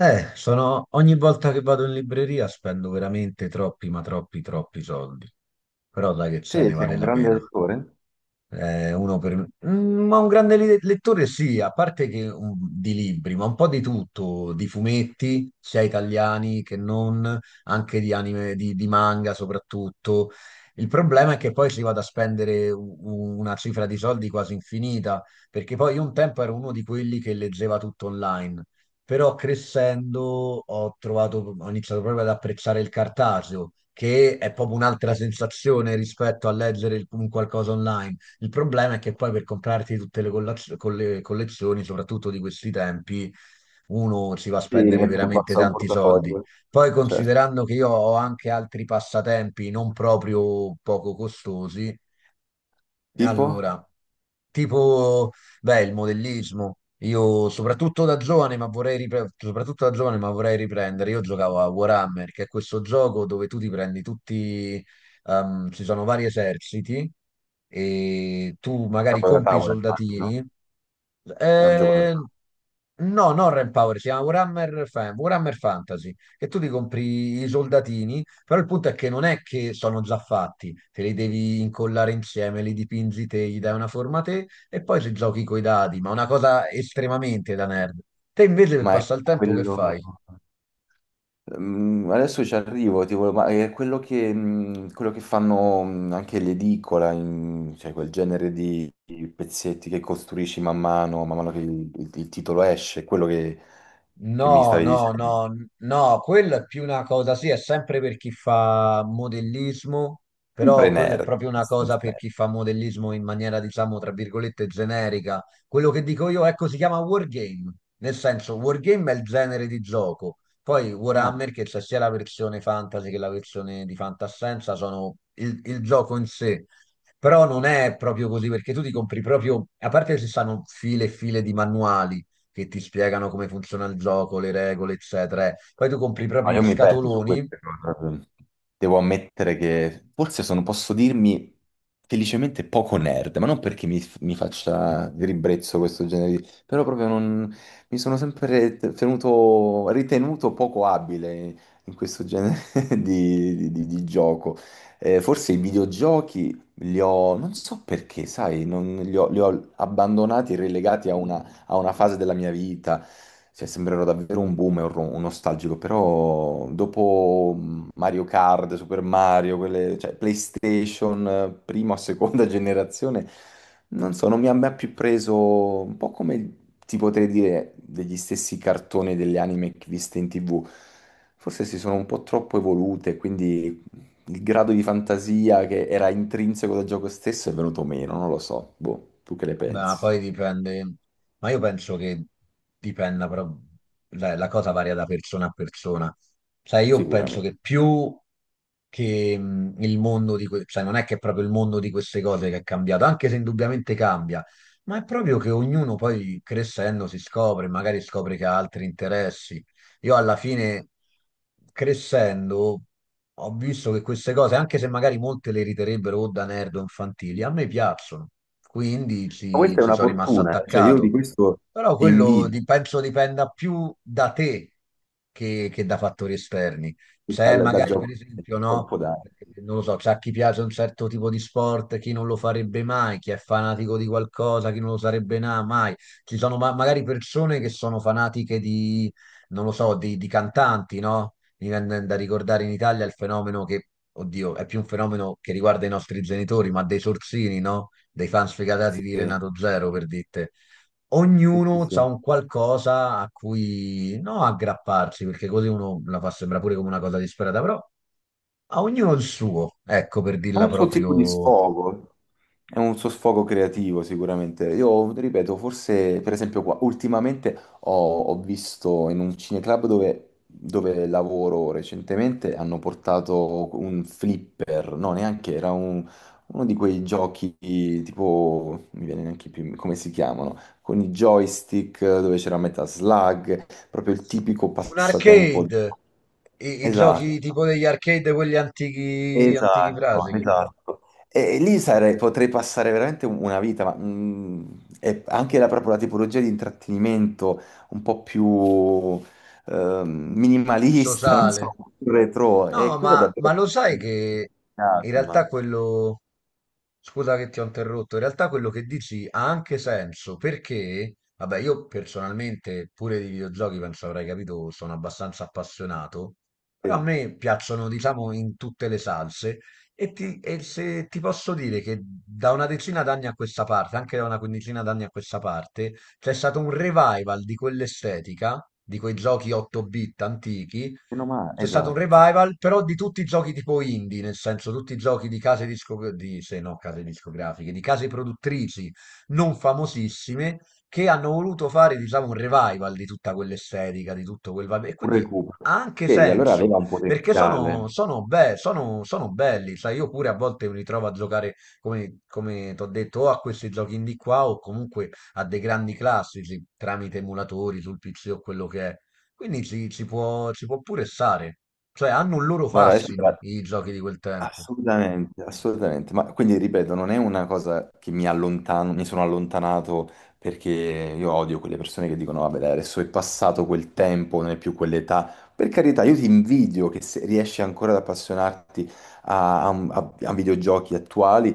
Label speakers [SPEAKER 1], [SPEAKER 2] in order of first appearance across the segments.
[SPEAKER 1] Sono... ogni volta che vado in libreria spendo veramente troppi, ma troppi, troppi soldi. Però dai che ce ne
[SPEAKER 2] Sì, sei
[SPEAKER 1] vale
[SPEAKER 2] un
[SPEAKER 1] la
[SPEAKER 2] grande
[SPEAKER 1] pena.
[SPEAKER 2] lettore.
[SPEAKER 1] Uno per... ma un grande lettore sì, a parte che di libri, ma un po' di tutto, di fumetti, sia italiani che non, anche di anime, di manga soprattutto. Il problema è che poi si vada a spendere una cifra di soldi quasi infinita, perché poi io un tempo ero uno di quelli che leggeva tutto online, però crescendo ho trovato, ho iniziato proprio ad apprezzare il cartaceo, che è proprio un'altra sensazione rispetto a leggere un qualcosa online. Il problema è che poi per comprarti tutte le collezioni, soprattutto di questi tempi, uno si va a
[SPEAKER 2] Sì,
[SPEAKER 1] spendere
[SPEAKER 2] metti un po' al
[SPEAKER 1] veramente
[SPEAKER 2] suo
[SPEAKER 1] tanti soldi.
[SPEAKER 2] portafoglio,
[SPEAKER 1] Poi
[SPEAKER 2] certo.
[SPEAKER 1] considerando che io ho anche altri passatempi non proprio poco costosi,
[SPEAKER 2] Tipo, un
[SPEAKER 1] allora, tipo, beh, il modellismo. Io soprattutto da giovane, ma vorrei riprendere. Io giocavo a Warhammer, che è questo gioco dove tu ti prendi tutti, ci sono vari eserciti e tu magari
[SPEAKER 2] gioco da
[SPEAKER 1] compri i
[SPEAKER 2] tavola, immagino,
[SPEAKER 1] soldatini.
[SPEAKER 2] no? È un gioco da
[SPEAKER 1] Eh,
[SPEAKER 2] tavola.
[SPEAKER 1] no, non Power si chiama Warhammer, Warhammer Fantasy, che tu ti compri i soldatini però il punto è che non è che sono già fatti, te li devi incollare insieme, li dipingi te, gli dai una forma te e poi ci giochi coi dadi, ma una cosa estremamente da nerd. Te invece per
[SPEAKER 2] Ma è
[SPEAKER 1] passare il tempo che
[SPEAKER 2] quello...
[SPEAKER 1] fai?
[SPEAKER 2] Adesso ci arrivo, tipo, ma è quello che, quello che fanno anche l'edicola, in- cioè quel genere di pezzetti che costruisci man mano che il, il titolo esce, quello che mi
[SPEAKER 1] No,
[SPEAKER 2] stavi
[SPEAKER 1] no,
[SPEAKER 2] dicendo.
[SPEAKER 1] no, no, quello è più una cosa, sì, è sempre per chi fa modellismo,
[SPEAKER 2] Sempre
[SPEAKER 1] però quello è
[SPEAKER 2] nerd,
[SPEAKER 1] proprio una cosa
[SPEAKER 2] abbastanza
[SPEAKER 1] per
[SPEAKER 2] nerd.
[SPEAKER 1] chi fa modellismo in maniera, diciamo, tra virgolette, generica. Quello che dico io, ecco, si chiama wargame, nel senso, wargame è il genere di gioco. Poi
[SPEAKER 2] Ah.
[SPEAKER 1] Warhammer, che c'è sia la versione fantasy che la versione di fantascienza, sono il gioco in sé. Però non è proprio così, perché tu ti compri proprio, a parte che ci stanno file e file di manuali che ti spiegano come funziona il gioco, le regole, eccetera. Poi tu compri
[SPEAKER 2] Ma
[SPEAKER 1] proprio
[SPEAKER 2] io
[SPEAKER 1] gli
[SPEAKER 2] mi perdo su
[SPEAKER 1] scatoloni,
[SPEAKER 2] queste cose, eh. Devo ammettere che forse sono, posso dirmi felicemente poco nerd, ma non perché mi faccia di ribrezzo questo genere di, però proprio non, mi sono sempre tenuto, ritenuto poco abile in questo genere di gioco. Forse i videogiochi li ho, non so perché, sai, li ho abbandonati e relegati a una fase della mia vita. Cioè, sembrerò davvero un boomer, un nostalgico, però dopo Mario Kart, Super Mario, quelle, cioè PlayStation, prima o seconda generazione, non so, non mi ha mai più preso, un po' come ti potrei dire degli stessi cartoni e delle anime che viste in TV. Forse si sono un po' troppo evolute, quindi il grado di fantasia che era intrinseco del gioco stesso è venuto meno, non lo so. Boh, tu che ne
[SPEAKER 1] ma
[SPEAKER 2] pensi?
[SPEAKER 1] poi dipende. Ma io penso che dipenda, però la cosa varia da persona a persona. Sai, io penso
[SPEAKER 2] Sicuramente.
[SPEAKER 1] che più che il mondo di que- sai, non è che è proprio il mondo di queste cose che è cambiato, anche se indubbiamente cambia, ma è proprio che ognuno poi crescendo si scopre, magari scopre che ha altri interessi. Io alla fine, crescendo, ho visto che queste cose, anche se magari molte le riterebbero o da nerd o infantili, a me piacciono, quindi
[SPEAKER 2] Ma questa è
[SPEAKER 1] ci
[SPEAKER 2] una
[SPEAKER 1] sono rimasto
[SPEAKER 2] fortuna, eh. Cioè io
[SPEAKER 1] attaccato.
[SPEAKER 2] di questo
[SPEAKER 1] Però
[SPEAKER 2] ti invidio
[SPEAKER 1] penso dipenda più da te che da fattori esterni. C'è
[SPEAKER 2] dal
[SPEAKER 1] magari, per
[SPEAKER 2] Giappone,
[SPEAKER 1] esempio, no?
[SPEAKER 2] colpo dare.
[SPEAKER 1] Non lo so, c'è a chi piace un certo tipo di sport, chi non lo farebbe mai, chi è fanatico di qualcosa, chi non lo sarebbe mai. Ci sono magari persone che sono fanatiche di non lo so, di cantanti, no? Mi viene da ricordare in Italia il fenomeno che, oddio, è più un fenomeno che riguarda i nostri genitori, ma dei sorsini, no? Dei fan sfegatati di
[SPEAKER 2] Sì,
[SPEAKER 1] Renato Zero, per dite.
[SPEAKER 2] sì, sì.
[SPEAKER 1] Ognuno ha
[SPEAKER 2] Sì.
[SPEAKER 1] un qualcosa a cui, no, aggrapparsi, perché così uno la fa sembrare pure come una cosa disperata, però a ognuno il suo, ecco, per
[SPEAKER 2] È
[SPEAKER 1] dirla
[SPEAKER 2] un suo tipo di
[SPEAKER 1] proprio.
[SPEAKER 2] sfogo, è un suo sfogo creativo sicuramente. Io ripeto, forse per esempio qua, ultimamente ho, ho visto in un cineclub dove lavoro recentemente, hanno portato un flipper, no neanche, era uno di quei giochi tipo, mi viene neanche più come si chiamano, con i joystick dove c'era metà slug, proprio il tipico
[SPEAKER 1] Un
[SPEAKER 2] passatempo.
[SPEAKER 1] arcade, i
[SPEAKER 2] Esatto.
[SPEAKER 1] giochi tipo degli arcade, quelli antichi, antichi
[SPEAKER 2] Esatto,
[SPEAKER 1] frasi,
[SPEAKER 2] esatto. E lì potrei passare veramente una vita, ma e anche la, proprio la tipologia di intrattenimento un po' più minimalista, non so,
[SPEAKER 1] sociale.
[SPEAKER 2] più retro, e
[SPEAKER 1] No,
[SPEAKER 2] quello davvero
[SPEAKER 1] ma
[SPEAKER 2] che
[SPEAKER 1] lo
[SPEAKER 2] mi
[SPEAKER 1] sai che in realtà
[SPEAKER 2] entusiasma.
[SPEAKER 1] quello, scusa che ti ho interrotto, in realtà quello che dici ha anche senso perché, vabbè, io personalmente pure di videogiochi, penso avrai capito, sono abbastanza appassionato, però a
[SPEAKER 2] Sì,
[SPEAKER 1] me piacciono, diciamo, in tutte le salse e, se ti posso dire che da una decina d'anni a questa parte, anche da una quindicina d'anni a questa parte, c'è stato un revival di quell'estetica, di quei giochi 8-bit antichi.
[SPEAKER 2] meno male,
[SPEAKER 1] C'è stato un
[SPEAKER 2] esatto,
[SPEAKER 1] revival, però di tutti i giochi tipo indie, nel senso tutti i giochi di case discografiche, di, se no, case discografiche, di case produttrici non famosissime che hanno voluto fare, diciamo, un revival di tutta quell'estetica, di tutto quel vibe. E
[SPEAKER 2] un
[SPEAKER 1] quindi
[SPEAKER 2] recupero.
[SPEAKER 1] ha anche
[SPEAKER 2] Vedi, allora
[SPEAKER 1] senso,
[SPEAKER 2] aveva un
[SPEAKER 1] perché
[SPEAKER 2] potenziale.
[SPEAKER 1] sono belli, sai, io pure a volte mi ritrovo a giocare, come ti ho detto, o a questi giochi indie qua o comunque a dei grandi classici tramite emulatori sul PC o quello che è. Quindi ci può pure stare. Cioè, hanno un loro
[SPEAKER 2] Guarda, adesso.
[SPEAKER 1] fascino i giochi di quel tempo.
[SPEAKER 2] Assolutamente, assolutamente. Ma quindi ripeto, non è una cosa che mi allontano, mi sono allontanato perché io odio quelle persone che dicono, vabbè, dai, adesso è passato quel tempo, non è più quell'età. Per carità, io ti invidio che se riesci ancora ad appassionarti a videogiochi attuali.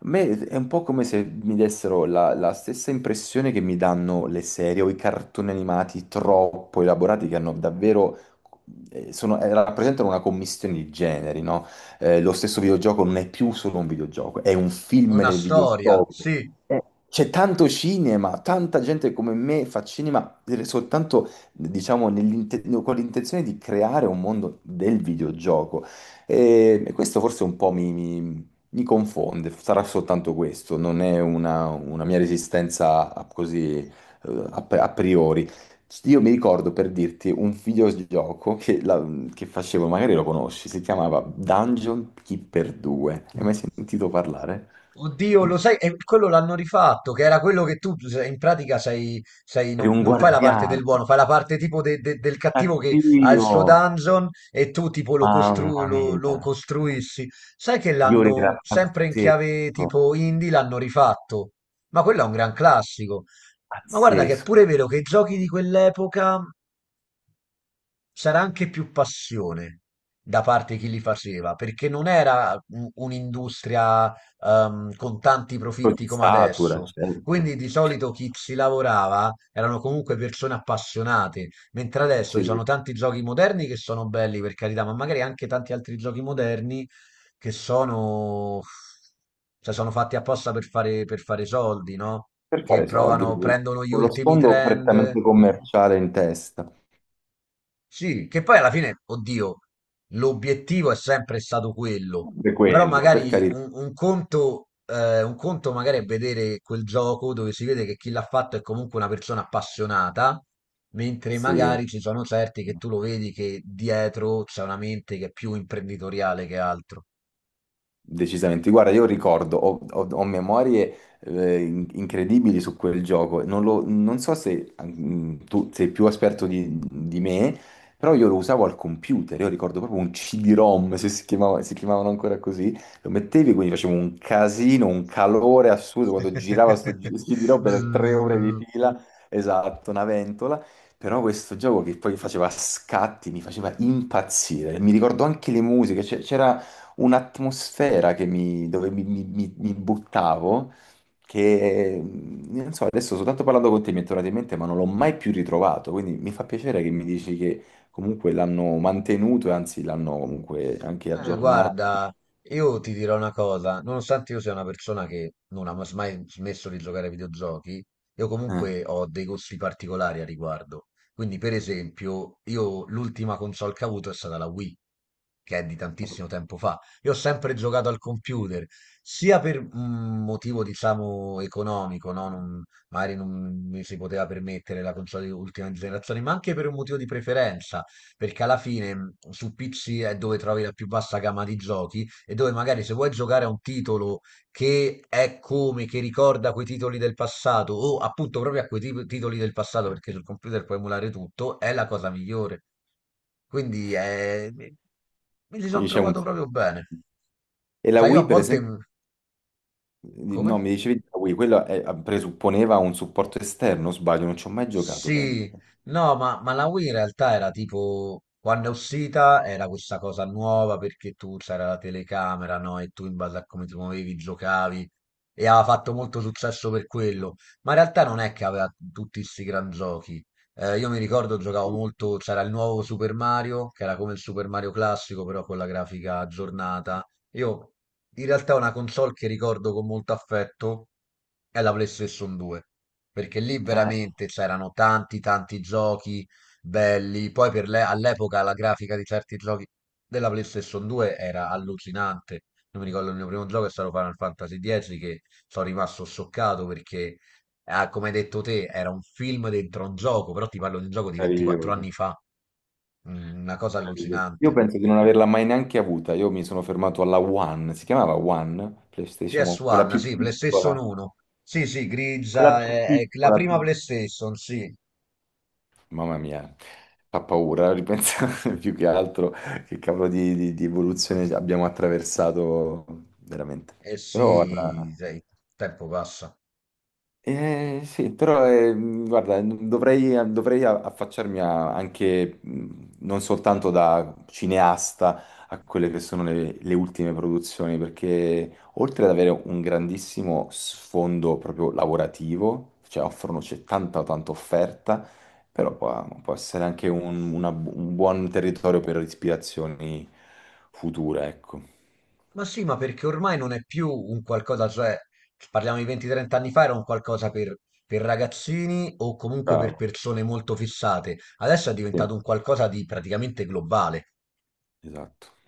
[SPEAKER 2] A me è un po' come se mi dessero la stessa impressione che mi danno le serie o i cartoni animati troppo elaborati che hanno davvero, rappresentano una commistione di generi, no? Eh, lo stesso videogioco non è più solo un videogioco, è un film
[SPEAKER 1] Una
[SPEAKER 2] nel
[SPEAKER 1] storia,
[SPEAKER 2] videogioco.
[SPEAKER 1] sì.
[SPEAKER 2] Eh, C'è tanto cinema, tanta gente come me fa cinema soltanto, diciamo, no, con l'intenzione di creare un mondo del videogioco. E questo forse un po' mi confonde, sarà soltanto questo, non è una mia resistenza così a priori. Sì, io mi ricordo per dirti un videogioco che facevo, magari lo conosci, si chiamava Dungeon Keeper 2. Hai mai sentito parlare?
[SPEAKER 1] Oddio, lo sai, e quello l'hanno rifatto, che era quello che tu in pratica
[SPEAKER 2] Eri
[SPEAKER 1] non,
[SPEAKER 2] un
[SPEAKER 1] non fai la parte
[SPEAKER 2] guardiano,
[SPEAKER 1] del buono, fai la parte tipo del cattivo che ha il
[SPEAKER 2] cattivo,
[SPEAKER 1] suo dungeon e tu tipo
[SPEAKER 2] mamma
[SPEAKER 1] lo
[SPEAKER 2] mia,
[SPEAKER 1] costruissi. Sai che
[SPEAKER 2] io era
[SPEAKER 1] l'hanno sempre in chiave
[SPEAKER 2] pazzesco,
[SPEAKER 1] tipo indie, l'hanno rifatto, ma quello è un gran classico. Ma guarda che è
[SPEAKER 2] pazzesco.
[SPEAKER 1] pure vero che i giochi di quell'epoca c'era anche più passione da parte di chi li faceva, perché non era un'industria con tanti
[SPEAKER 2] Poi
[SPEAKER 1] profitti
[SPEAKER 2] ti
[SPEAKER 1] come
[SPEAKER 2] satura,
[SPEAKER 1] adesso. Quindi
[SPEAKER 2] certo.
[SPEAKER 1] di
[SPEAKER 2] Cioè,
[SPEAKER 1] solito chi ci lavorava erano comunque persone appassionate, mentre adesso ci sono
[SPEAKER 2] sì,
[SPEAKER 1] tanti giochi moderni che sono belli, per carità, ma magari anche tanti altri giochi moderni che sono, cioè, sono fatti apposta per fare soldi, no?
[SPEAKER 2] per
[SPEAKER 1] Che
[SPEAKER 2] fare soldi,
[SPEAKER 1] provano,
[SPEAKER 2] quindi
[SPEAKER 1] prendono gli
[SPEAKER 2] con lo
[SPEAKER 1] ultimi
[SPEAKER 2] sfondo
[SPEAKER 1] trend.
[SPEAKER 2] prettamente commerciale in testa,
[SPEAKER 1] Sì, che poi alla fine, oddio, l'obiettivo è sempre stato quello,
[SPEAKER 2] per
[SPEAKER 1] però
[SPEAKER 2] quello, per
[SPEAKER 1] magari
[SPEAKER 2] carità,
[SPEAKER 1] un conto magari è vedere quel gioco dove si vede che chi l'ha fatto è comunque una persona appassionata, mentre
[SPEAKER 2] sì.
[SPEAKER 1] magari ci sono certi che tu lo vedi che dietro c'è una mente che è più imprenditoriale che altro.
[SPEAKER 2] Decisamente. Guarda, io ricordo, ho memorie incredibili su quel gioco. Non so se tu sei più esperto di me, però io lo usavo al computer. Io ricordo proprio un CD-ROM, se si chiamava- si chiamavano ancora così. Lo mettevi, quindi facevo un casino, un calore assurdo quando girava sto CD-ROM per 3 ore di
[SPEAKER 1] Bzzz.
[SPEAKER 2] fila. Esatto, una ventola. Però questo gioco che poi faceva scatti mi faceva impazzire. Mi ricordo anche le musiche. C'era un'atmosfera dove mi buttavo, che non so, adesso soltanto parlando con te mi è tornato in mente, ma non l'ho mai più ritrovato, quindi mi fa piacere che mi dici che comunque l'hanno mantenuto e anzi l'hanno comunque anche
[SPEAKER 1] Beh,
[SPEAKER 2] aggiornato.
[SPEAKER 1] guarda, io ti dirò una cosa, nonostante io sia una persona che non ha mai smesso di giocare ai videogiochi, io
[SPEAKER 2] Eh,
[SPEAKER 1] comunque ho dei gusti particolari a riguardo. Quindi, per esempio, io l'ultima console che ho avuto è stata la Wii, che è di tantissimo tempo fa. Io ho sempre giocato al computer, sia per un motivo, diciamo, economico, no? Magari non mi si poteva permettere la console di ultima generazione, ma anche per un motivo di preferenza perché alla fine su PC è dove trovi la più vasta gamma di giochi e dove magari se vuoi giocare a un titolo che è come, che ricorda quei titoli del passato o appunto proprio a quei titoli del passato perché sul computer puoi emulare tutto, è la cosa migliore. Quindi è... mi ci sono
[SPEAKER 2] Quindi c'è un
[SPEAKER 1] trovato
[SPEAKER 2] senso.
[SPEAKER 1] proprio bene.
[SPEAKER 2] E la
[SPEAKER 1] Sai, io
[SPEAKER 2] Wii,
[SPEAKER 1] a
[SPEAKER 2] per
[SPEAKER 1] volte...
[SPEAKER 2] esempio, no,
[SPEAKER 1] come?
[SPEAKER 2] mi dicevi la Wii, ah, presupponeva un supporto esterno, o sbaglio, non ci ho mai giocato, penso.
[SPEAKER 1] Sì, no, ma la Wii in realtà era tipo, quando è uscita era questa cosa nuova perché tu c'era la telecamera, no? E tu in base a come ti muovevi giocavi e aveva fatto molto successo per quello, ma in realtà non è che aveva tutti questi gran giochi. Io mi ricordo giocavo molto, c'era il nuovo Super Mario, che era come il Super Mario classico, però con la grafica aggiornata. Io in realtà una console che ricordo con molto affetto è la PlayStation 2 perché lì
[SPEAKER 2] Eh,
[SPEAKER 1] veramente c'erano tanti tanti giochi belli. Poi per all'epoca la grafica di certi giochi della PlayStation 2 era allucinante. Io mi ricordo il mio primo gioco è stato Final Fantasy X che sono rimasto scioccato perché, ah, come hai detto te, era un film dentro un gioco, però ti parlo di un gioco di 24
[SPEAKER 2] meraviglioso.
[SPEAKER 1] anni fa. Una cosa
[SPEAKER 2] Io
[SPEAKER 1] allucinante.
[SPEAKER 2] penso di non averla mai neanche avuta. Io mi sono fermato alla One, si chiamava One, PlayStation One,
[SPEAKER 1] PS1, sì, PlayStation 1, sì, sì,
[SPEAKER 2] quella
[SPEAKER 1] grigia,
[SPEAKER 2] più
[SPEAKER 1] è la
[SPEAKER 2] piccola,
[SPEAKER 1] prima
[SPEAKER 2] più.
[SPEAKER 1] PlayStation, sì,
[SPEAKER 2] Mamma mia, fa paura ripensare più che altro che cavolo di evoluzione abbiamo attraversato veramente.
[SPEAKER 1] eh
[SPEAKER 2] Però guarda,
[SPEAKER 1] sì, sai, il tempo passa.
[SPEAKER 2] Sì, però guarda, dovrei affacciarmi anche non soltanto da cineasta a quelle che sono le ultime produzioni, perché oltre ad avere un grandissimo sfondo proprio lavorativo, cioè offrono, c'è tanta tanta offerta, però può essere anche un buon territorio per ispirazioni future, ecco.
[SPEAKER 1] Ma sì, ma perché ormai non è più un qualcosa, cioè, parliamo di 20-30 anni fa, era un qualcosa per ragazzini o comunque per
[SPEAKER 2] Bravo.
[SPEAKER 1] persone molto fissate. Adesso è
[SPEAKER 2] Sì,
[SPEAKER 1] diventato un qualcosa di praticamente globale.
[SPEAKER 2] esatto.